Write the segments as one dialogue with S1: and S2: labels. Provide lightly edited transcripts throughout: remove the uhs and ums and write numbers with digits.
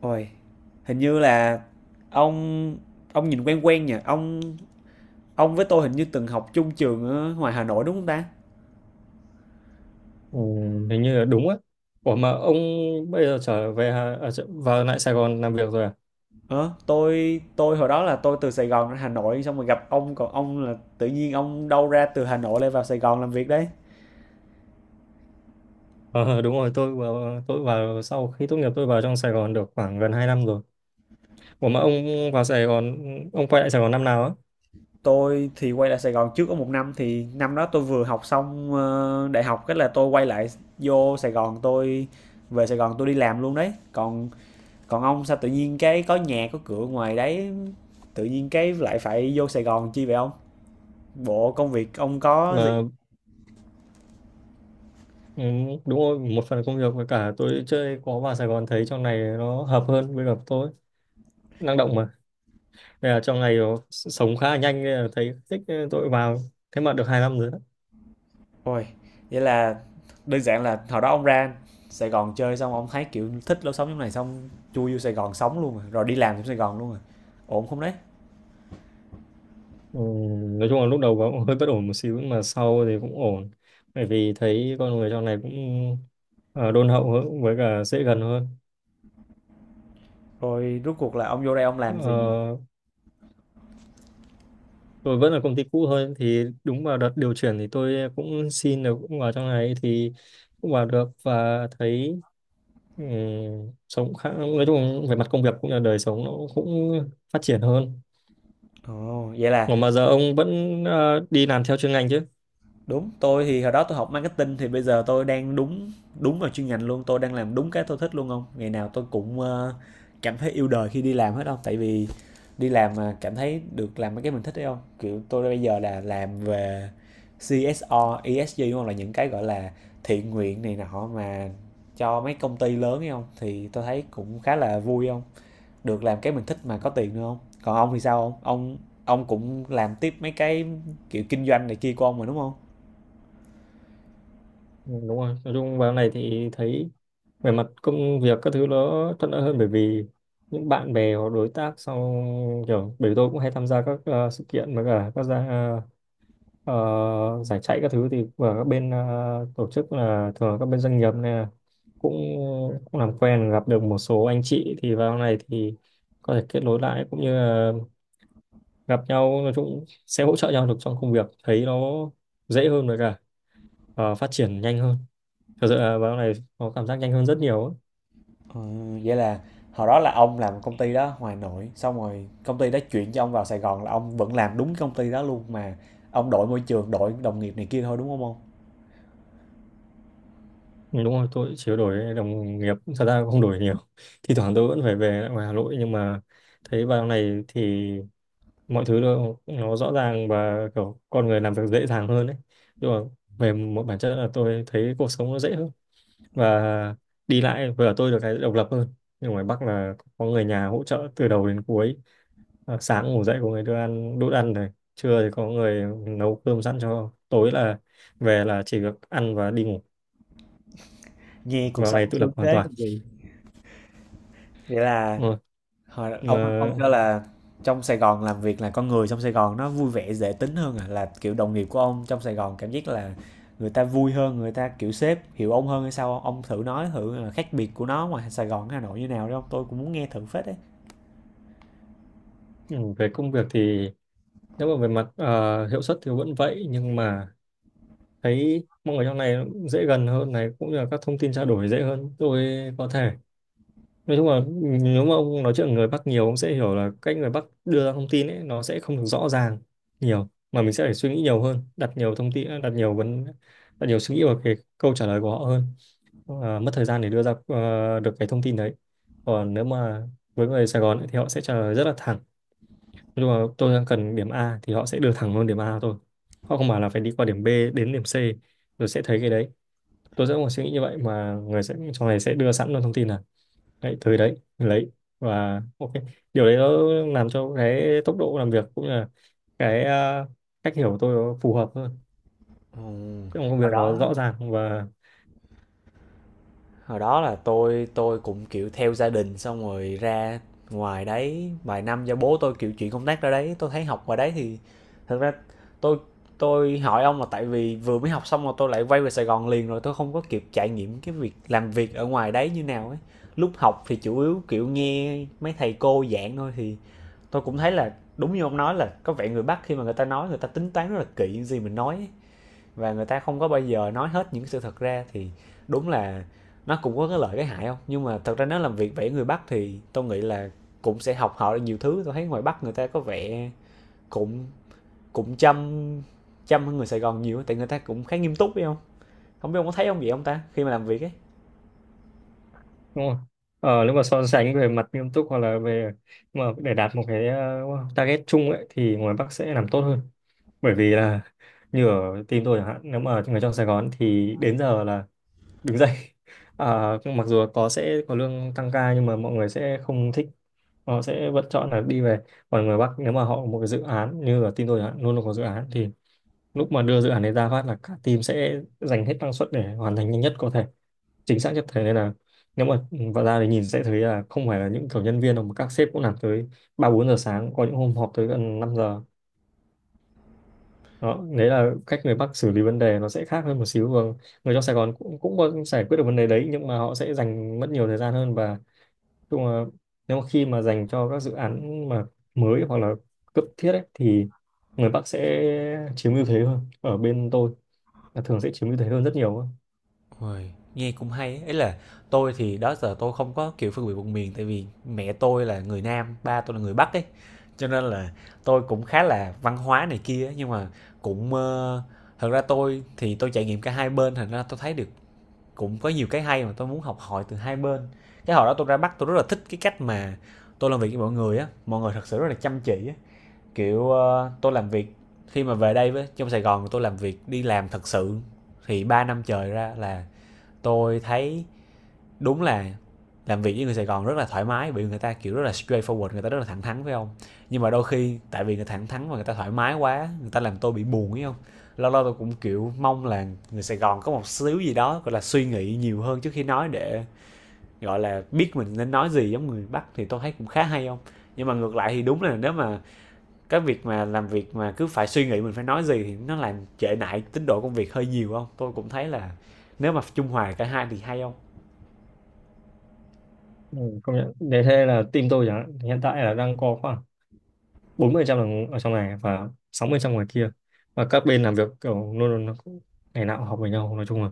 S1: Ôi, hình như là ông ông nhìn quen quen nhỉ? Ông với tôi hình như từng học chung trường ở ngoài Hà Nội đúng không ta?
S2: Ừ, Hình như là đúng á. Ủa mà ông bây giờ trở về Hà- à, trở- vào lại Sài Gòn làm việc rồi à?
S1: Ờ, tôi hồi đó là tôi từ Sài Gòn ra Hà Nội xong rồi gặp ông, còn ông là tự nhiên ông đâu ra từ Hà Nội lại vào Sài Gòn làm việc đấy.
S2: Ờ đúng rồi, tôi vào sau khi tốt nghiệp tôi vào trong Sài Gòn được khoảng gần 2 năm rồi. Ủa mà ông vào Sài Gòn, ông quay lại Sài Gòn năm nào á?
S1: Tôi thì quay lại Sài Gòn trước có một năm, thì năm đó tôi vừa học xong đại học, cái là tôi quay lại vô Sài Gòn, tôi về Sài Gòn tôi đi làm luôn đấy. Còn còn ông sao tự nhiên cái có nhà có cửa ngoài đấy, tự nhiên cái lại phải vô Sài Gòn chi vậy ông, bộ công việc ông có gì?
S2: Mà ừ, Đúng rồi, một phần công việc với cả tôi chơi có vào Sài Gòn thấy trong này nó hợp hơn với cả tôi, năng động mà. Đây là trong này nó sống khá là nhanh nên là thấy thích nên tôi vào. Thế mà được 2 năm rồi.
S1: Ôi, vậy là đơn giản là hồi đó ông ra Sài Gòn chơi xong ông thấy kiểu thích lối sống như này xong chui vô Sài Gòn sống luôn rồi, rồi đi làm trong Sài Gòn luôn rồi, ổn không đấy?
S2: Ừ, nói chung là lúc đầu cũng hơi bất ổn một xíu nhưng mà sau thì cũng ổn, bởi vì thấy con người trong này cũng ờ, đôn hậu hơn với cả dễ gần hơn.
S1: Rồi rốt cuộc là ông vô đây ông làm gì?
S2: Ờ, tôi vẫn là công ty cũ thôi, thì đúng vào đợt điều chuyển thì tôi cũng xin được cũng vào trong này, thì cũng vào được và thấy, ừ, sống khá, nói chung về mặt công việc cũng như là đời sống nó cũng phát triển hơn.
S1: Ồ, vậy
S2: Còn
S1: là...
S2: mà giờ ông vẫn đi làm theo chuyên ngành chứ?
S1: Đúng, tôi thì hồi đó tôi học marketing thì bây giờ tôi đang đúng đúng vào chuyên ngành luôn, tôi đang làm đúng cái tôi thích luôn không? Ngày nào tôi cũng cảm thấy yêu đời khi đi làm hết không, tại vì đi làm mà cảm thấy được làm mấy cái mình thích đấy không? Kiểu tôi bây giờ là làm về CSR, ESG đúng không? Là những cái gọi là thiện nguyện này nọ mà cho mấy công ty lớn ấy không? Thì tôi thấy cũng khá là vui không? Được làm cái mình thích mà có tiền nữa không? Còn ông thì sao không? Ông cũng làm tiếp mấy cái kiểu kinh doanh này kia của ông mà đúng không?
S2: Ừ, đúng rồi, nói chung vào này thì thấy về mặt công việc các thứ nó thuận lợi hơn, bởi vì những bạn bè hoặc đối tác sau, kiểu bởi vì tôi cũng hay tham gia các sự kiện với cả các ờ, giải chạy các thứ, thì và các bên tổ chức là thường là các bên doanh nghiệp này là cũng cũng làm quen gặp được một số anh chị, thì vào này thì có thể kết nối lại cũng như là gặp nhau, nói chung sẽ hỗ trợ nhau được trong công việc, thấy nó dễ hơn với cả, phát triển nhanh hơn, thật sự là vào này có cảm giác nhanh hơn rất nhiều ấy.
S1: Ờ, vậy là hồi đó là ông làm công ty đó ngoài Hà Nội, xong rồi công ty đó chuyển cho ông vào Sài Gòn là ông vẫn làm đúng công ty đó luôn mà ông đổi môi trường, đổi đồng nghiệp này kia thôi đúng không ông?
S2: Ừ, đúng rồi, tôi chỉ có đổi đồng nghiệp, thật ra cũng không đổi nhiều. Thì thoảng tôi vẫn phải về lại ngoài Hà Nội, nhưng mà thấy vào này thì mọi thứ nó rõ ràng và kiểu con người làm việc dễ dàng hơn ấy. Nhưng mà về một bản chất là tôi thấy cuộc sống nó dễ hơn, và đi lại vừa tôi được cái độc lập hơn. Nhưng ngoài Bắc là có người nhà hỗ trợ từ đầu đến cuối. À, sáng ngủ dậy có người đưa ăn đút ăn này, trưa thì có người nấu cơm sẵn cho, tối là về là chỉ việc ăn và đi ngủ.
S1: Nghe cuộc
S2: Vào
S1: sống
S2: này tự
S1: sướng
S2: lập hoàn
S1: thế
S2: toàn.
S1: còn gì. Vậy là
S2: Ờ,
S1: hồi
S2: mà
S1: ông cho là trong Sài Gòn làm việc là con người trong Sài Gòn nó vui vẻ dễ tính hơn à, là kiểu đồng nghiệp của ông trong Sài Gòn cảm giác là người ta vui hơn, người ta kiểu sếp hiểu ông hơn hay sao không? Ông thử nói thử là khác biệt của nó ngoài Sài Gòn với Hà Nội như nào đấy không? Tôi cũng muốn nghe thử phết đấy.
S2: ừ, về công việc thì, nếu mà về mặt hiệu suất thì vẫn vậy, nhưng mà thấy mọi người trong này nó cũng dễ gần hơn, này cũng như là các thông tin trao đổi dễ hơn, tôi có thể, nói chung là, nếu mà ông nói chuyện với người Bắc nhiều, ông sẽ hiểu là cách người Bắc đưa ra thông tin ấy nó sẽ không được rõ ràng nhiều, mà mình sẽ phải suy nghĩ nhiều hơn, đặt nhiều thông tin, đặt nhiều suy nghĩ vào cái câu trả lời của họ hơn. Ờ, mất thời gian để đưa ra được cái thông tin đấy. Còn nếu mà với người Sài Gòn ấy, thì họ sẽ trả lời rất là thẳng, nhưng mà tôi đang cần điểm A thì họ sẽ đưa thẳng luôn điểm A thôi, họ không bảo là phải đi qua điểm B đến điểm C rồi sẽ thấy cái đấy, tôi sẽ có một suy nghĩ như vậy, mà người sẽ trong này sẽ đưa sẵn luôn thông tin là đấy tới đấy lấy, và ok, điều đấy nó làm cho cái tốc độ làm việc cũng như là cái cách hiểu của tôi nó phù hợp hơn,
S1: Ừ.
S2: trong công việc nó rõ ràng và
S1: Hồi đó là tôi cũng kiểu theo gia đình xong rồi ra ngoài đấy vài năm do bố tôi kiểu chuyển công tác ra đấy, tôi thấy học ngoài đấy thì thật ra tôi tôi hỏi ông là tại vì vừa mới học xong mà tôi lại quay về Sài Gòn liền rồi tôi không có kịp trải nghiệm cái việc làm việc ở ngoài đấy như nào ấy, lúc học thì chủ yếu kiểu nghe mấy thầy cô giảng thôi. Thì tôi cũng thấy là đúng như ông nói, là có vẻ người Bắc khi mà người ta nói, người ta tính toán rất là kỹ những gì mình nói ấy, và người ta không có bao giờ nói hết những sự thật ra. Thì đúng là nó cũng có cái lợi cái hại không, nhưng mà thật ra nếu làm việc vẽ người Bắc thì tôi nghĩ là cũng sẽ học họ nhiều thứ. Tôi thấy ngoài Bắc người ta có vẻ cũng cũng chăm chăm hơn người Sài Gòn nhiều, tại người ta cũng khá nghiêm túc phải không, không biết ông có thấy không vậy ông ta khi mà làm việc ấy?
S2: đúng không? Ờ, nếu mà so sánh về mặt nghiêm túc hoặc là về, mà để đạt một cái target chung ấy, thì ngoài Bắc sẽ làm tốt hơn, bởi vì là như ở team tôi chẳng hạn, nếu mà người trong Sài Gòn thì đến giờ là đứng dậy mặc dù có sẽ có lương tăng ca nhưng mà mọi người sẽ không thích, họ sẽ vẫn chọn là đi về. Còn người Bắc nếu mà họ có một cái dự án, như ở team tôi chẳng hạn luôn luôn có dự án, thì lúc mà đưa dự án đấy ra phát là cả team sẽ dành hết năng suất để hoàn thành nhanh nhất có thể, chính xác nhất có thể, nên là nếu mà vào ra thì nhìn sẽ thấy là không phải là những kiểu nhân viên đâu, mà các sếp cũng làm tới ba bốn giờ sáng, có những hôm họp tới gần 5 giờ. Đó, đấy là cách người Bắc xử lý vấn đề nó sẽ khác hơn một xíu. Và người trong Sài Gòn cũng cũng có giải quyết được vấn đề đấy, nhưng mà họ sẽ dành mất nhiều thời gian hơn, và chung là nếu mà khi mà dành cho các dự án mà mới hoặc là cấp thiết ấy, thì người Bắc sẽ chiếm ưu thế hơn. Ở bên tôi là thường sẽ chiếm ưu thế hơn rất nhiều ấy.
S1: Uầy, nghe cũng hay ấy. Ý là tôi thì đó giờ tôi không có, kiểu, phân biệt vùng miền, tại vì mẹ tôi là người Nam, ba tôi là người Bắc ấy, cho nên là tôi cũng khá là văn hóa này kia ấy. Nhưng mà cũng, thật ra tôi thì tôi trải nghiệm cả hai bên, thành ra tôi thấy được cũng có nhiều cái hay mà tôi muốn học hỏi từ hai bên. Cái hồi đó tôi ra Bắc tôi rất là thích cái cách mà tôi làm việc với mọi người á, mọi người thật sự rất là chăm chỉ á. Kiểu, tôi làm việc khi mà về đây với trong Sài Gòn tôi làm việc đi làm thật sự thì 3 năm trời ra là tôi thấy đúng là làm việc với người Sài Gòn rất là thoải mái vì người ta kiểu rất là straightforward, người ta rất là thẳng thắn phải không, nhưng mà đôi khi tại vì người thẳng thắn và người ta thoải mái quá người ta làm tôi bị buồn phải không, lâu lâu tôi cũng kiểu mong là người Sài Gòn có một xíu gì đó gọi là suy nghĩ nhiều hơn trước khi nói để gọi là biết mình nên nói gì giống người Bắc thì tôi thấy cũng khá hay không, nhưng mà ngược lại thì đúng là nếu mà cái việc mà làm việc mà cứ phải suy nghĩ mình phải nói gì thì nó làm trễ nải tiến độ công việc hơi nhiều không, tôi cũng thấy là nếu mà trung hòa cả hai thì hay không.
S2: Ừ, công nhận, để thế là team tôi chẳng hạn thì hiện tại là đang có khoảng 40% là ở trong này và 60% ngoài kia, và các bên làm việc kiểu luôn luôn, nó cũng ngày nào cũng học với nhau, nói chung là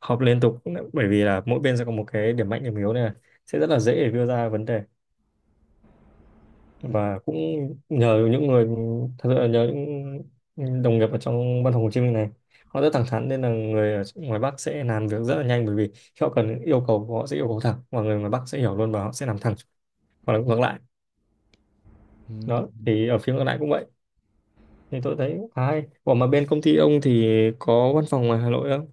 S2: họp liên tục, bởi vì là mỗi bên sẽ có một cái điểm mạnh điểm yếu này, sẽ rất là dễ để đưa ra vấn đề,
S1: Ừ.
S2: và cũng nhờ những người, thật sự là nhờ những đồng nghiệp ở trong văn phòng Hồ Chí Minh này, họ rất thẳng thắn, nên là người ở ngoài Bắc sẽ làm việc rất là nhanh, bởi vì khi họ cần yêu cầu họ sẽ yêu cầu thẳng, và người ngoài Bắc sẽ hiểu luôn và họ sẽ làm thẳng, hoặc là ngược lại.
S1: Ừ,
S2: Đó thì ở phía ngược lại cũng vậy, thì tôi thấy khá hay. Ủa mà bên công ty ông thì có văn phòng ngoài Hà Nội không?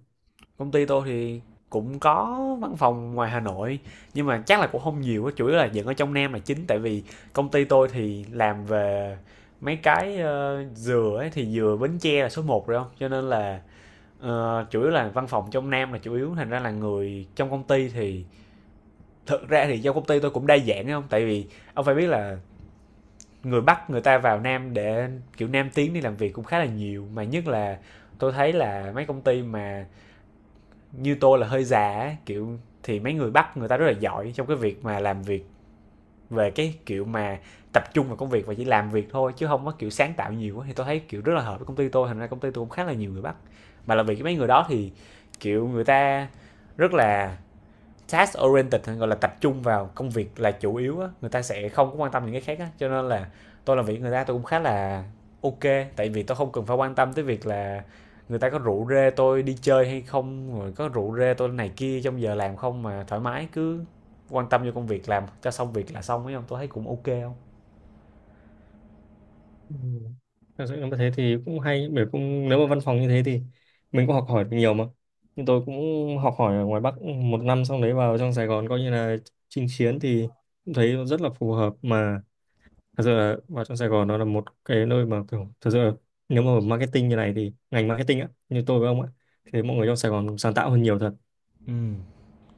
S1: công ty tôi thì cũng có văn phòng ngoài Hà Nội nhưng mà chắc là cũng không nhiều á, chủ yếu là vẫn ở trong Nam là chính tại vì công ty tôi thì làm về mấy cái dừa ấy thì dừa Bến Tre là số một rồi không, cho nên là chủ yếu là văn phòng trong Nam là chủ yếu, thành ra là người trong công ty thì thực ra thì do công ty tôi cũng đa dạng ấy không, tại vì ông phải biết là người Bắc người ta vào Nam để kiểu Nam tiến đi làm việc cũng khá là nhiều mà, nhất là tôi thấy là mấy công ty mà như tôi là hơi già kiểu thì mấy người Bắc người ta rất là giỏi trong cái việc mà làm việc về cái kiểu mà tập trung vào công việc và chỉ làm việc thôi chứ không có kiểu sáng tạo nhiều á. Thì tôi thấy kiểu rất là hợp với công ty tôi, thành ra công ty tôi cũng khá là nhiều người Bắc, mà là vì cái mấy người đó thì kiểu người ta rất là task oriented, gọi là tập trung vào công việc là chủ yếu á, người ta sẽ không có quan tâm những cái khác á, cho nên là tôi làm việc người ta tôi cũng khá là ok, tại vì tôi không cần phải quan tâm tới việc là người ta có rủ rê tôi đi chơi hay không rồi có rủ rê tôi này kia trong giờ làm không, mà thoải mái cứ quan tâm vô công việc làm cho xong việc là xong ấy không, tôi thấy cũng ok không.
S2: Ừ. Thật sự là thế thì cũng hay, bởi cũng nếu mà văn phòng như thế thì mình cũng học hỏi được nhiều mà. Nhưng tôi cũng học hỏi ở ngoài Bắc một năm, xong đấy vào trong Sài Gòn coi như là chinh chiến, thì cũng thấy rất là phù hợp mà. Thật sự là vào trong Sài Gòn nó là một cái nơi mà kiểu thật sự là, nếu mà marketing như này thì ngành marketing á, như tôi với ông á, thì mọi người trong Sài Gòn sáng tạo hơn nhiều thật.
S1: Ừ,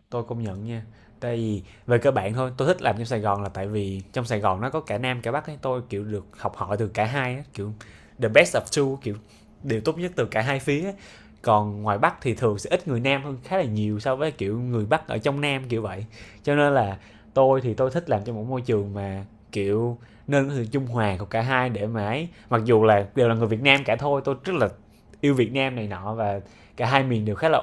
S1: tôi công nhận nha, tại vì về cơ bản thôi tôi thích làm trong Sài Gòn là tại vì trong Sài Gòn nó có cả Nam cả Bắc ấy, tôi kiểu được học hỏi từ cả hai á, kiểu the best of two, kiểu điều tốt nhất từ cả hai phía ấy. Còn ngoài Bắc thì thường sẽ ít người Nam hơn khá là nhiều so với kiểu người Bắc ở trong Nam kiểu vậy, cho nên là tôi thì tôi thích làm trong một môi trường mà kiểu nên có sự trung hòa của cả hai để mà ấy, mặc dù là đều là người Việt Nam cả thôi, tôi rất là yêu Việt Nam này nọ và cả hai miền đều khá là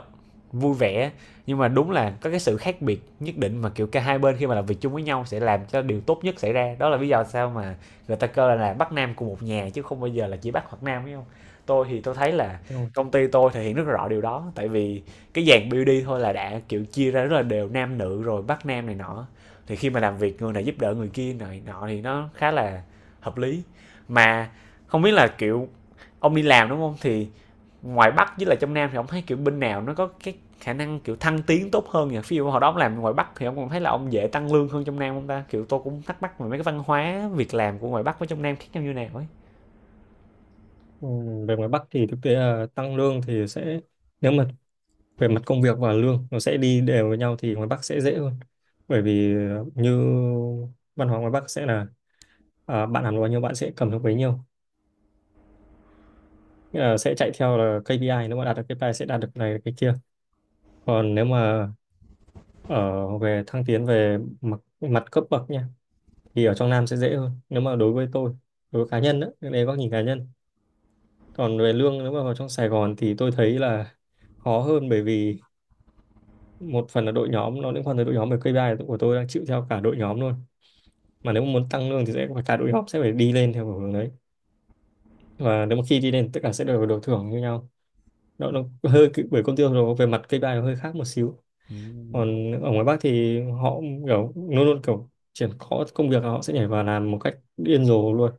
S1: vui vẻ, nhưng mà đúng là có cái sự khác biệt nhất định mà kiểu cả hai bên khi mà làm việc chung với nhau sẽ làm cho điều tốt nhất xảy ra, đó là lý do sao mà người ta kêu là bắc nam của một nhà chứ không bao giờ là chỉ bắc hoặc nam phải không. Tôi thì tôi thấy là
S2: Đúng rồi.
S1: công ty tôi thể hiện rất rõ điều đó, tại vì cái dàn BD thôi là đã kiểu chia ra rất là đều nam nữ rồi bắc nam này nọ, thì khi mà làm việc người này giúp đỡ người kia này nọ thì nó khá là hợp lý. Mà không biết là kiểu ông đi làm đúng không, thì ngoài bắc với là trong nam thì ông thấy kiểu bên nào nó có cái khả năng kiểu thăng tiến tốt hơn nhỉ, ví dụ hồi đó ông làm ngoài bắc thì ông còn thấy là ông dễ tăng lương hơn trong nam không ta, kiểu tôi cũng thắc mắc về mấy cái văn hóa việc làm của ngoài bắc với trong nam khác nhau như nào ấy.
S2: Ừ, về ngoài Bắc thì thực tế là tăng lương thì sẽ, nếu mà về mặt công việc và lương nó sẽ đi đều với nhau, thì ngoài Bắc sẽ dễ hơn, bởi vì như văn hóa ngoài Bắc sẽ là, bạn làm được bao nhiêu bạn sẽ cầm được bấy nhiêu. Nghĩa là sẽ chạy theo là KPI, nếu mà đạt được KPI sẽ đạt được này cái kia. Còn nếu mà ở về thăng tiến về mặt cấp bậc nha, thì ở trong Nam sẽ dễ hơn nếu mà đối với tôi, đối với cá nhân, đó đấy góc nhìn cá nhân. Còn về lương nếu mà vào trong Sài Gòn thì tôi thấy là khó hơn, bởi vì một phần là đội nhóm nó liên quan tới đội nhóm, về KPI của tôi đang chịu theo cả đội nhóm luôn, mà nếu mà muốn tăng lương thì sẽ phải cả đội hop, sẽ phải đi lên theo hướng đấy, và nếu mà khi đi lên tất cả sẽ đều được thưởng như nhau. Nó hơi bởi công ty nó về mặt KPI nó hơi khác một xíu.
S1: Ừm,
S2: Còn ở ngoài Bắc thì họ kiểu luôn luôn, kiểu triển khó công việc là họ sẽ nhảy vào làm một cách điên rồ luôn.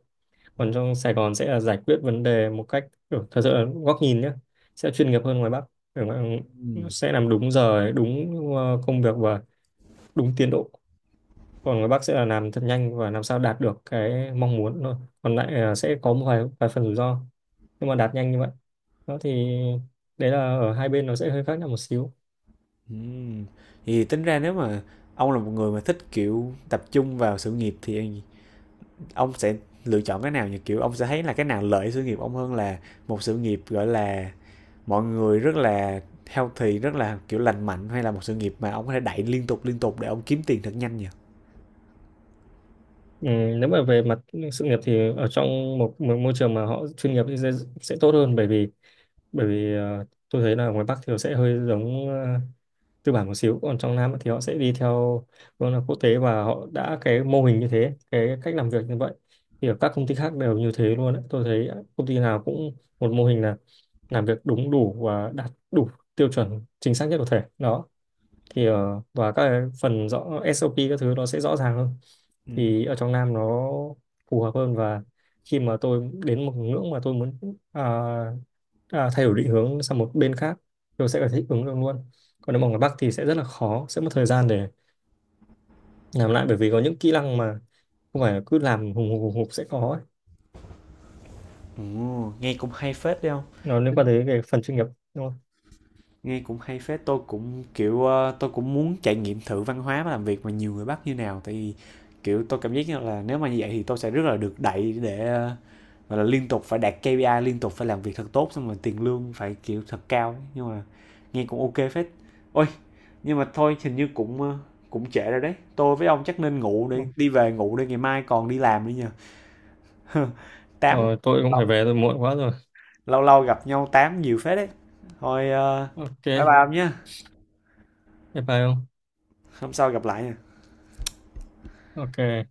S2: Còn
S1: ừm,
S2: trong Sài Gòn sẽ là giải quyết vấn đề một cách kiểu, thật sự là góc nhìn nhé, sẽ chuyên nghiệp hơn ngoài Bắc. Ở ngoài- nó
S1: ừm,
S2: sẽ làm đúng giờ đúng công việc và đúng tiến độ. Còn các bác sẽ là làm thật nhanh và làm sao đạt được cái mong muốn thôi, còn lại là sẽ có một vài phần rủi ro, nhưng mà đạt nhanh như vậy. Đó thì đấy là ở hai bên nó sẽ hơi khác nhau một xíu.
S1: ừm. Thì tính ra nếu mà ông là một người mà thích kiểu tập trung vào sự nghiệp thì ông sẽ lựa chọn cái nào nhỉ, kiểu ông sẽ thấy là cái nào lợi sự nghiệp ông hơn, là một sự nghiệp gọi là mọi người rất là healthy, rất là kiểu lành mạnh, hay là một sự nghiệp mà ông có thể đẩy liên tục để ông kiếm tiền thật nhanh nhỉ?
S2: Ừ, nếu mà về mặt sự nghiệp thì ở trong một môi trường mà họ chuyên nghiệp thì sẽ tốt hơn, bởi vì tôi thấy là ngoài Bắc thì nó sẽ hơi giống tư bản một xíu, còn trong Nam thì họ sẽ đi theo vâng là quốc tế, và họ đã cái mô hình như thế, cái cách làm việc như vậy thì ở các công ty khác đều như thế luôn ấy. Tôi thấy công ty nào cũng một mô hình là làm việc đúng đủ và đạt đủ tiêu chuẩn chính xác nhất có thể. Đó thì và các cái phần rõ SOP các thứ nó sẽ rõ ràng hơn,
S1: Ừ.
S2: thì ở trong Nam nó phù hợp hơn. Và khi mà tôi đến một ngưỡng mà tôi muốn, à, thay đổi định hướng sang một bên khác, tôi sẽ phải thích ứng được luôn. Còn nếu mà ở Bắc thì sẽ rất là khó, sẽ mất thời gian để làm lại, bởi vì có những kỹ năng mà không phải cứ làm hùng hục sẽ có ấy.
S1: Ồ, nghe cũng hay phết đấy không?
S2: Nó liên quan
S1: Tính-
S2: tới cái phần chuyên nghiệp đúng
S1: Nghe cũng hay phết. Tôi cũng kiểu tôi cũng muốn trải nghiệm thử văn hóa và làm việc mà nhiều người Bắc như nào. Tại vì kiểu tôi cảm giác như là nếu mà như vậy thì tôi sẽ rất là được đẩy để gọi là liên tục phải đạt KPI, liên tục phải làm việc thật tốt xong rồi tiền lương phải kiểu thật cao ấy. Nhưng mà nghe cũng ok phết. Ôi, nhưng mà thôi hình như cũng cũng trễ rồi đấy. Tôi với ông chắc nên ngủ đi,
S2: không?
S1: đi về ngủ đi ngày mai còn đi làm nữa nha. 8
S2: Ờ, tôi cũng phải về tôi muộn quá rồi.
S1: lâu lâu gặp nhau tám nhiều phết đấy, thôi bye
S2: Ok,
S1: bye ông nhé,
S2: bye bye không.
S1: hôm sau gặp lại nha.
S2: Ok